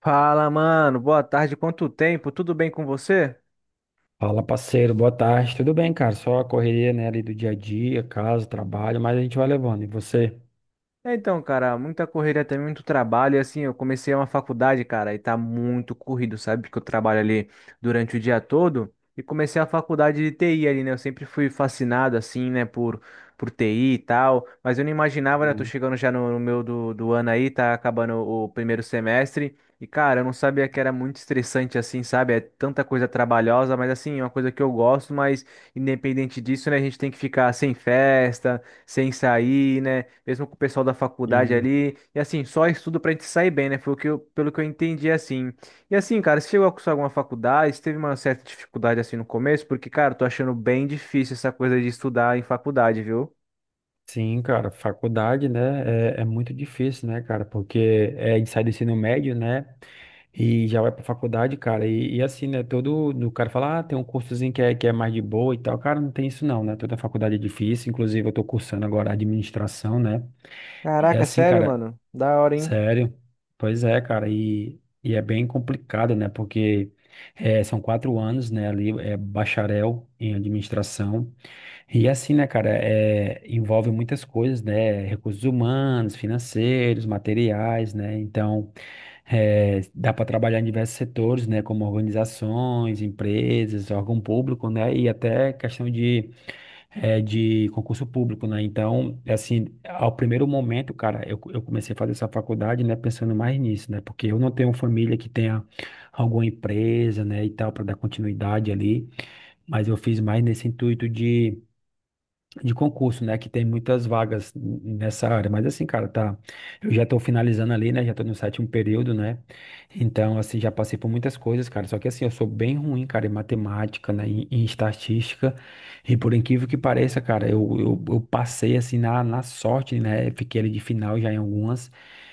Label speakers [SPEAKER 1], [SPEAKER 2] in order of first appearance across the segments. [SPEAKER 1] Fala, mano. Boa tarde. Quanto tempo? Tudo bem com você?
[SPEAKER 2] Fala, parceiro, boa tarde. Tudo bem, cara? Só a correria, né, ali do dia a dia, casa, trabalho, mas a gente vai levando. E você?
[SPEAKER 1] Então, cara, muita correria também, muito trabalho. E assim, eu comecei uma faculdade, cara, e tá muito corrido, sabe? Porque eu trabalho ali durante o dia todo. E comecei a faculdade de TI ali, né? Eu sempre fui fascinado, assim, né, por TI e tal. Mas eu não imaginava, né? Eu tô
[SPEAKER 2] Uhum.
[SPEAKER 1] chegando já no meu do ano aí, tá acabando o primeiro semestre. E, cara, eu não sabia que era muito estressante, assim, sabe? É tanta coisa trabalhosa, mas assim, é uma coisa que eu gosto, mas independente disso, né, a gente tem que ficar sem festa, sem sair, né? Mesmo com o pessoal da faculdade
[SPEAKER 2] Hum,
[SPEAKER 1] ali. E assim, só estudo pra gente sair bem, né? Foi o que eu, pelo que eu entendi, assim. E assim, cara, você chegou a cursar alguma faculdade? Você teve uma certa dificuldade assim no começo? Porque, cara, eu tô achando bem difícil essa coisa de estudar em faculdade, viu?
[SPEAKER 2] Sim, cara, faculdade, né, é muito difícil, né, cara, porque a gente sai do ensino médio, né, e já vai pra faculdade, cara, e assim, né, todo, o cara fala, ah, tem um cursozinho que é mais de boa e tal, cara, não tem isso não, né, toda faculdade é difícil, inclusive eu tô cursando agora administração, né, e
[SPEAKER 1] Caraca,
[SPEAKER 2] assim,
[SPEAKER 1] sério,
[SPEAKER 2] cara,
[SPEAKER 1] mano? Da hora, hein?
[SPEAKER 2] Sério? Pois é, cara, e é bem complicado, né? Porque são 4 anos, né, ali, é bacharel em administração. E assim, né, cara, envolve muitas coisas, né? Recursos humanos, financeiros, materiais, né? Então, dá para trabalhar em diversos setores, né? Como organizações, empresas, órgão público, né? E até questão de concurso público, né? Então, assim, ao primeiro momento, cara, eu comecei a fazer essa faculdade, né, pensando mais nisso, né? Porque eu não tenho família que tenha alguma empresa, né, e tal, para dar continuidade ali, mas eu fiz mais nesse intuito de concurso, né? Que tem muitas vagas nessa área. Mas assim, cara, tá. Eu já tô finalizando ali, né? Já tô no sétimo período, né? Então, assim, já passei por muitas coisas, cara. Só que assim, eu sou bem ruim, cara, em matemática, né? Em estatística. E por incrível que pareça, cara, eu passei assim na sorte, né? Fiquei ali de final já em algumas.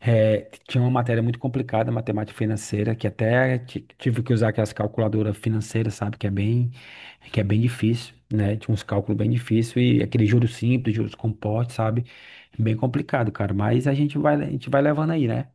[SPEAKER 2] Tinha uma matéria muito complicada, matemática financeira, que até tive que usar aquelas calculadoras financeiras, sabe? É que é bem difícil, né? Tinha uns cálculos bem difícil e aquele juros simples, juros compostos, sabe? É bem complicado, cara. Mas a gente vai levando aí, né?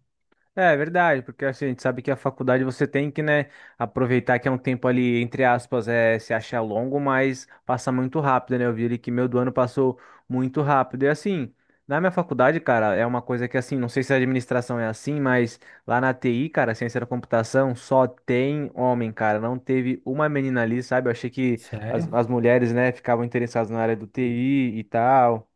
[SPEAKER 1] É verdade, porque assim, a gente sabe que a faculdade você tem que, né, aproveitar que é um tempo ali, entre aspas, é, se acha longo, mas passa muito rápido, né? Eu vi ali que meu do ano passou muito rápido. E assim, na minha faculdade, cara, é uma coisa que assim, não sei se a administração é assim, mas lá na TI, cara, ciência da computação, só tem homem, cara. Não teve uma menina ali, sabe? Eu achei que as,
[SPEAKER 2] Sério?
[SPEAKER 1] as mulheres, né, ficavam interessadas na área do TI e tal.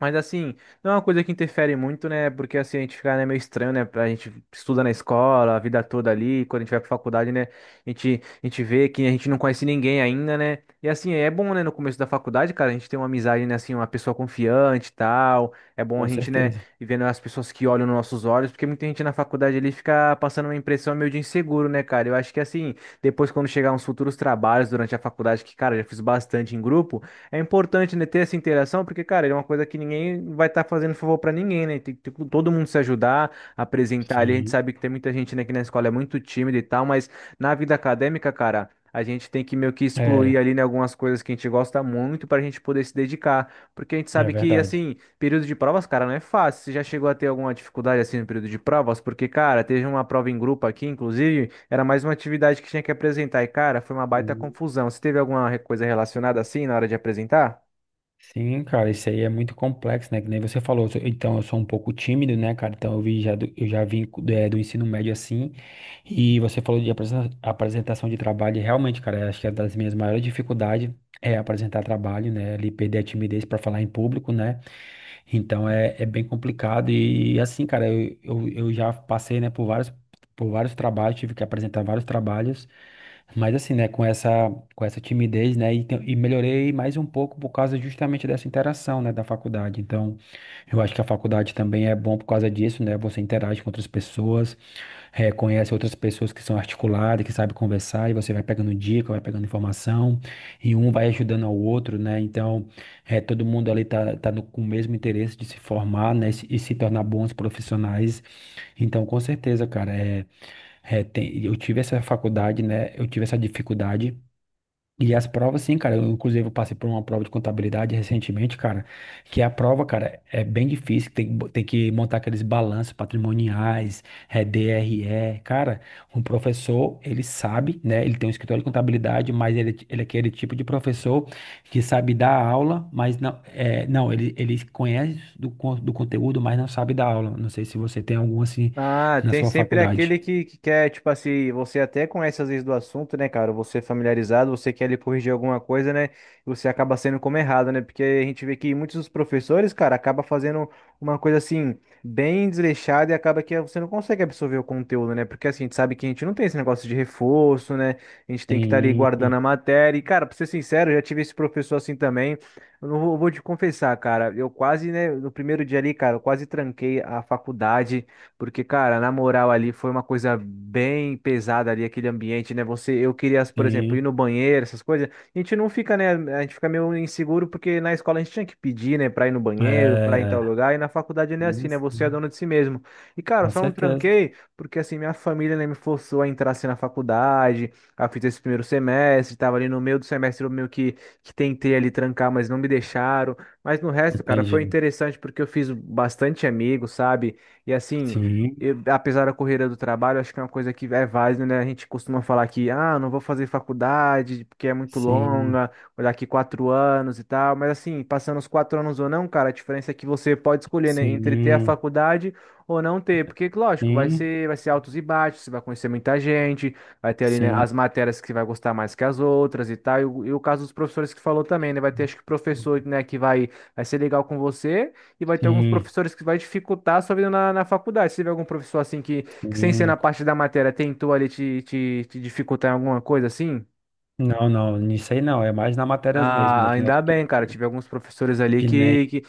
[SPEAKER 1] Mas assim, não é uma coisa que interfere muito, né? Porque assim, a gente fica, né, meio estranho, né? A gente estuda na escola, a vida toda ali, quando a gente vai pra faculdade, né? A gente vê que a gente não conhece ninguém ainda, né? E assim, é bom, né, no começo da faculdade, cara, a gente tem uma amizade, né, assim, uma pessoa confiante e tal. É bom
[SPEAKER 2] Com
[SPEAKER 1] a gente, né,
[SPEAKER 2] certeza.
[SPEAKER 1] ir vendo as pessoas que olham nos nossos olhos, porque muita gente na faculdade ali fica passando uma impressão meio de inseguro, né, cara? Eu acho que assim, depois quando chegar uns futuros trabalhos durante a faculdade, que, cara, eu já fiz bastante em grupo. É importante, né, ter essa interação, porque, cara, é uma coisa que ninguém vai estar fazendo favor pra ninguém, né? Tem que ter todo mundo se ajudar, apresentar ali. A gente
[SPEAKER 2] Sim.
[SPEAKER 1] sabe que tem muita gente, né, que na escola é muito tímida e tal, mas na vida acadêmica, cara, a gente tem que meio que excluir
[SPEAKER 2] É,
[SPEAKER 1] ali, né, algumas coisas que a gente gosta muito pra gente poder se dedicar. Porque a gente
[SPEAKER 2] é
[SPEAKER 1] sabe que,
[SPEAKER 2] verdade.
[SPEAKER 1] assim. Período de provas, cara, não é fácil. Você já chegou a ter alguma dificuldade assim no período de provas? Porque, cara, teve uma prova em grupo aqui, inclusive, era mais uma atividade que tinha que apresentar. E, cara, foi uma baita confusão. Você teve alguma coisa relacionada assim na hora de apresentar?
[SPEAKER 2] Sim, cara, isso aí é muito complexo, né? Que nem você falou. Então, eu sou um pouco tímido, né, cara? Então, eu vi já eu já vim do ensino médio assim. E você falou de apresentação de trabalho. E realmente, cara, eu acho que é das minhas maiores dificuldades é apresentar trabalho, né? Ali perder a timidez para falar em público, né? Então é bem complicado e assim, cara, eu já passei, né, por vários trabalhos, tive que apresentar vários trabalhos, mas assim, né, com essa timidez, né, e melhorei mais um pouco por causa justamente dessa interação, né, da faculdade. Então, eu acho que a faculdade também é bom por causa disso, né, você interage com outras pessoas, conhece outras pessoas que são articuladas, que sabem conversar, e você vai pegando dica, vai pegando informação, e um vai ajudando ao outro, né? Então, todo mundo ali tá com o mesmo interesse de se formar, né? E se tornar bons profissionais. Então, com certeza, cara, eu tive essa faculdade, né? Eu tive essa dificuldade e as provas, sim, cara. Eu, inclusive, eu passei por uma prova de contabilidade recentemente, cara. Que a prova, cara, é bem difícil. Tem que montar aqueles balanços patrimoniais, é DRE. Cara, um professor, ele sabe, né? Ele tem um escritório de contabilidade, mas ele é aquele tipo de professor que sabe dar aula, mas não, não ele conhece do conteúdo, mas não sabe dar aula. Não sei se você tem algum assim
[SPEAKER 1] Ah,
[SPEAKER 2] na
[SPEAKER 1] tem
[SPEAKER 2] sua
[SPEAKER 1] sempre
[SPEAKER 2] faculdade.
[SPEAKER 1] aquele que quer, tipo assim, você até conhece às vezes do assunto, né, cara? Você é familiarizado, você quer ali corrigir alguma coisa, né? E você acaba sendo como errado, né? Porque a gente vê que muitos dos professores, cara, acaba fazendo uma coisa assim, bem desleixada e acaba que você não consegue absorver o conteúdo, né? Porque assim, a gente sabe que a gente não tem esse negócio de reforço, né? A gente tem que estar ali guardando
[SPEAKER 2] Sim,
[SPEAKER 1] a matéria. E, cara, pra ser sincero, eu já tive esse professor assim também. Eu não vou, vou te confessar, cara. Eu quase, né, no primeiro dia ali, cara, eu quase tranquei a faculdade. Porque, cara, na moral ali foi uma coisa bem pesada ali, aquele ambiente, né? Você, eu queria, por exemplo, ir
[SPEAKER 2] sim.
[SPEAKER 1] no banheiro, essas coisas. A gente não fica, né? A gente fica meio inseguro porque na escola a gente tinha que pedir, né, pra ir no banheiro, pra ir em tal
[SPEAKER 2] É.
[SPEAKER 1] lugar. E na faculdade não é assim,
[SPEAKER 2] Sim,
[SPEAKER 1] né? Você é
[SPEAKER 2] sim.
[SPEAKER 1] dono de si mesmo. E, cara, eu
[SPEAKER 2] Com
[SPEAKER 1] só não
[SPEAKER 2] certeza.
[SPEAKER 1] tranquei porque, assim, minha família, né, me forçou a entrar assim na faculdade. Eu fiz esse primeiro semestre, tava ali no meio do semestre, eu meio que tentei ali trancar, mas não me deixaram. Mas no resto, cara, foi
[SPEAKER 2] Entendi.
[SPEAKER 1] interessante porque eu fiz bastante amigos, sabe? E assim
[SPEAKER 2] Sim,
[SPEAKER 1] apesar da correria do trabalho, acho que é uma coisa que é válida, né? A gente costuma falar que, ah, não vou fazer faculdade porque é muito
[SPEAKER 2] sim,
[SPEAKER 1] longa, vou daqui quatro anos e tal. Mas assim, passando os quatro anos ou não, cara, a diferença é que você pode escolher, né, entre ter a
[SPEAKER 2] sim,
[SPEAKER 1] faculdade ou não ter. Porque, lógico, vai
[SPEAKER 2] sim,
[SPEAKER 1] ser, vai ser altos e baixos, você vai conhecer muita gente, vai ter ali, né,
[SPEAKER 2] sim,
[SPEAKER 1] as matérias que você vai gostar mais que as outras e tal. E o caso dos professores que falou também, né? Vai ter, acho que, professor, né, que vai, vai ser legal com você e vai ter alguns
[SPEAKER 2] sim,
[SPEAKER 1] professores que vai dificultar a sua vida na, na faculdade. Se tiver algum professor assim que sem ser na
[SPEAKER 2] sim.
[SPEAKER 1] parte da matéria, tentou ali te dificultar em alguma coisa assim,
[SPEAKER 2] Não, não, nisso aí não. É mais na matérias mesmo,
[SPEAKER 1] ah,
[SPEAKER 2] né?
[SPEAKER 1] ainda bem, cara. Tive alguns professores ali
[SPEAKER 2] Que nem,
[SPEAKER 1] que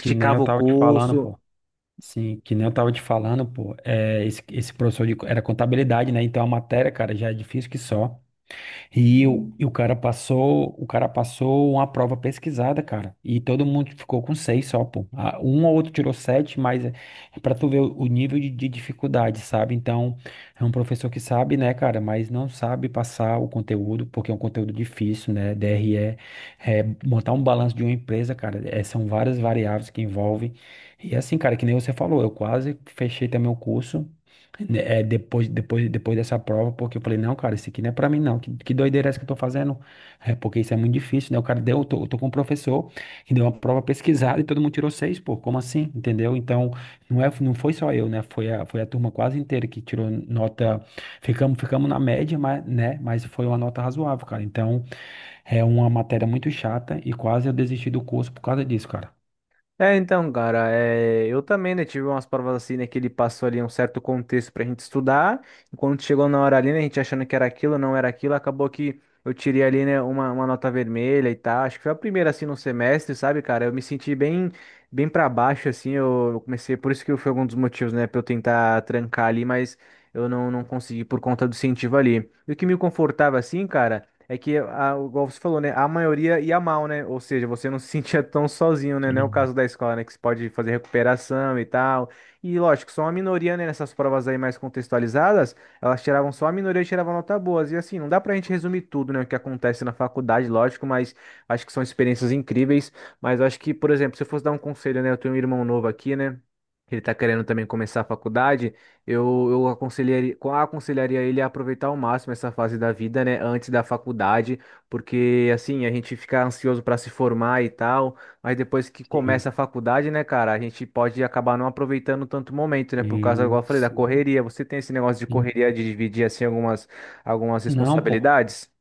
[SPEAKER 2] que nem eu
[SPEAKER 1] o
[SPEAKER 2] tava te falando,
[SPEAKER 1] curso.
[SPEAKER 2] pô. Sim, que nem eu tava te falando, pô. É, esse professor era contabilidade, né? Então a matéria, cara, já é difícil que só. E o cara passou uma prova pesquisada, cara. E todo mundo ficou com seis só, pô. Ah, um ou outro tirou sete, mas é pra tu ver o nível de dificuldade, sabe? Então, é um professor que sabe, né, cara, mas não sabe passar o conteúdo, porque é um conteúdo difícil, né? DRE, montar um balanço de uma empresa, cara, são várias variáveis que envolvem. E é assim, cara, que nem você falou, eu quase fechei também o curso, né. Depois dessa prova, porque eu falei, não, cara, isso aqui não é pra mim, não. Que doideira é essa que eu tô fazendo? É porque isso é muito difícil, né? O cara deu, eu tô com um professor que deu uma prova pesquisada e todo mundo tirou seis, pô, como assim? Entendeu? Então, não foi só eu, né? Foi a turma quase inteira que tirou nota. Ficamos na média, mas, né? Mas foi uma nota razoável, cara. Então, é uma matéria muito chata e quase eu desisti do curso por causa disso, cara.
[SPEAKER 1] Então, cara, é, eu também, né, tive umas provas assim, né, que ele passou ali um certo contexto pra gente estudar, e quando chegou na hora ali, né, a gente achando que era aquilo, não era aquilo, acabou que eu tirei ali, né, uma nota vermelha e tal, acho que foi a primeira, assim, no semestre, sabe, cara, eu me senti bem, bem pra baixo, assim, eu comecei, por isso que foi um dos motivos, né, pra eu tentar trancar ali, mas eu não consegui por conta do incentivo ali. E o que me confortava, assim, cara... É que, a, igual você falou, né? A maioria ia mal, né? Ou seja, você não se sentia tão sozinho, né? Não é o
[SPEAKER 2] Sim.
[SPEAKER 1] caso da escola, né? Que você pode fazer recuperação e tal. E lógico, só uma minoria, né? Nessas provas aí mais contextualizadas, elas tiravam só a minoria e tiravam nota boas. E assim, não dá pra gente resumir tudo, né? O que acontece na faculdade, lógico, mas acho que são experiências incríveis. Mas eu acho que, por exemplo, se eu fosse dar um conselho, né? Eu tenho um irmão novo aqui, né? Ele tá querendo também começar a faculdade. Eu aconselharia, aconselharia ele a aproveitar ao máximo essa fase da vida, né, antes da faculdade, porque assim, a gente fica ansioso para se formar e tal, mas depois que
[SPEAKER 2] Sim,
[SPEAKER 1] começa a faculdade, né, cara, a gente pode acabar não aproveitando tanto o momento, né, por causa, igual eu falei, da
[SPEAKER 2] sim,
[SPEAKER 1] correria. Você tem esse negócio de
[SPEAKER 2] sim.
[SPEAKER 1] correria de dividir assim algumas
[SPEAKER 2] Não, pô.
[SPEAKER 1] responsabilidades?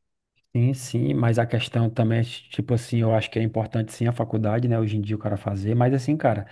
[SPEAKER 2] Sim, sim, mas a questão também, tipo assim, eu acho que é importante sim a faculdade, né, hoje em dia o cara fazer, mas assim, cara,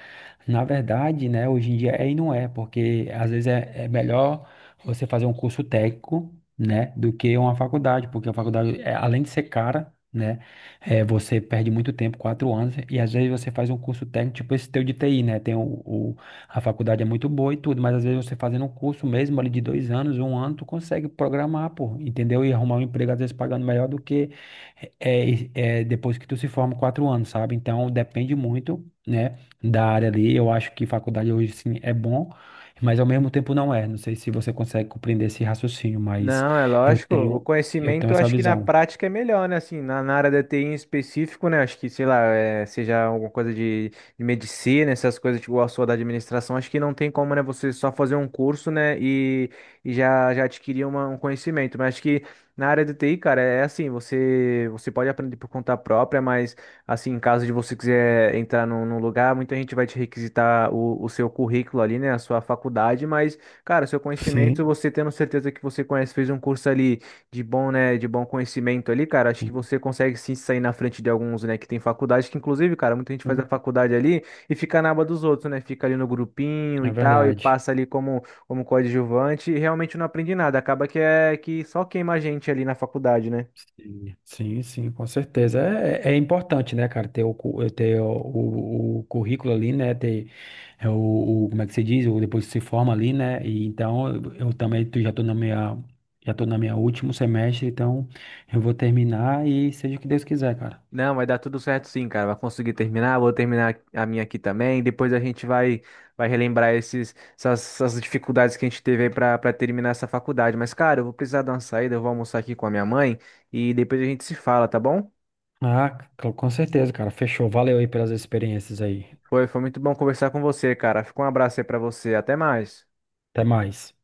[SPEAKER 2] na verdade, né, hoje em dia é e não é, porque às vezes é melhor você fazer um curso técnico, né, do que uma faculdade, porque a faculdade, além de ser cara, né, você perde muito tempo, 4 anos, e às vezes você faz um curso técnico, tipo esse teu de TI, né, a faculdade é muito boa e tudo, mas às vezes você fazendo um curso mesmo ali de 2 anos, um ano, tu consegue programar, pô, entendeu? E arrumar um emprego, às vezes, pagando melhor do que depois que tu se forma 4 anos, sabe? Então, depende muito, né, da área ali. Eu acho que faculdade hoje, sim, é bom, mas ao mesmo tempo não é. Não sei se você consegue compreender esse raciocínio, mas
[SPEAKER 1] Não, é
[SPEAKER 2] eu
[SPEAKER 1] lógico. O
[SPEAKER 2] tenho, eu tenho
[SPEAKER 1] conhecimento, eu
[SPEAKER 2] essa
[SPEAKER 1] acho que na
[SPEAKER 2] visão.
[SPEAKER 1] prática é melhor, né? Assim, na área da TI em específico, né? Acho que, sei lá, é, seja alguma coisa de medicina, essas coisas, tipo, a sua da administração, acho que não tem como, né? Você só fazer um curso, né? E já adquirir um conhecimento. Mas acho que na área da TI, cara, é assim, você pode aprender por conta própria, mas, assim, em caso de você quiser entrar num lugar, muita gente vai te requisitar o seu currículo ali, né? A sua faculdade, mas. Cara, seu
[SPEAKER 2] Sim.
[SPEAKER 1] conhecimento, você tendo certeza que você conhece, fez um curso ali de bom, né, de bom conhecimento ali, cara, acho que
[SPEAKER 2] Sim,
[SPEAKER 1] você consegue sim sair na frente de alguns, né, que tem faculdade, que inclusive, cara, muita gente faz a
[SPEAKER 2] sim,
[SPEAKER 1] faculdade ali e fica na aba dos outros, né, fica ali no grupinho e
[SPEAKER 2] é
[SPEAKER 1] tal, e
[SPEAKER 2] verdade.
[SPEAKER 1] passa ali como, como coadjuvante e realmente não aprende nada, acaba que é que só queima a gente ali na faculdade, né?
[SPEAKER 2] Sim, sim, sim, com certeza. É, é importante, né, cara, ter o currículo ali, né, ter é, o- como é que se diz, o, depois que se forma ali, né, e então eu já tô na minha último semestre, então eu vou terminar e seja o que Deus quiser, cara.
[SPEAKER 1] Não, vai dar tudo certo sim, cara. Vai conseguir terminar. Vou terminar a minha aqui também. Depois a gente vai, vai relembrar esses, essas, essas dificuldades que a gente teve aí pra, pra terminar essa faculdade. Mas, cara, eu vou precisar dar uma saída. Eu vou almoçar aqui com a minha mãe e depois a gente se fala, tá bom?
[SPEAKER 2] Ah, com certeza, cara, fechou. Valeu aí pelas experiências aí.
[SPEAKER 1] Foi muito bom conversar com você, cara. Fica um abraço aí pra você. Até mais.
[SPEAKER 2] Até mais.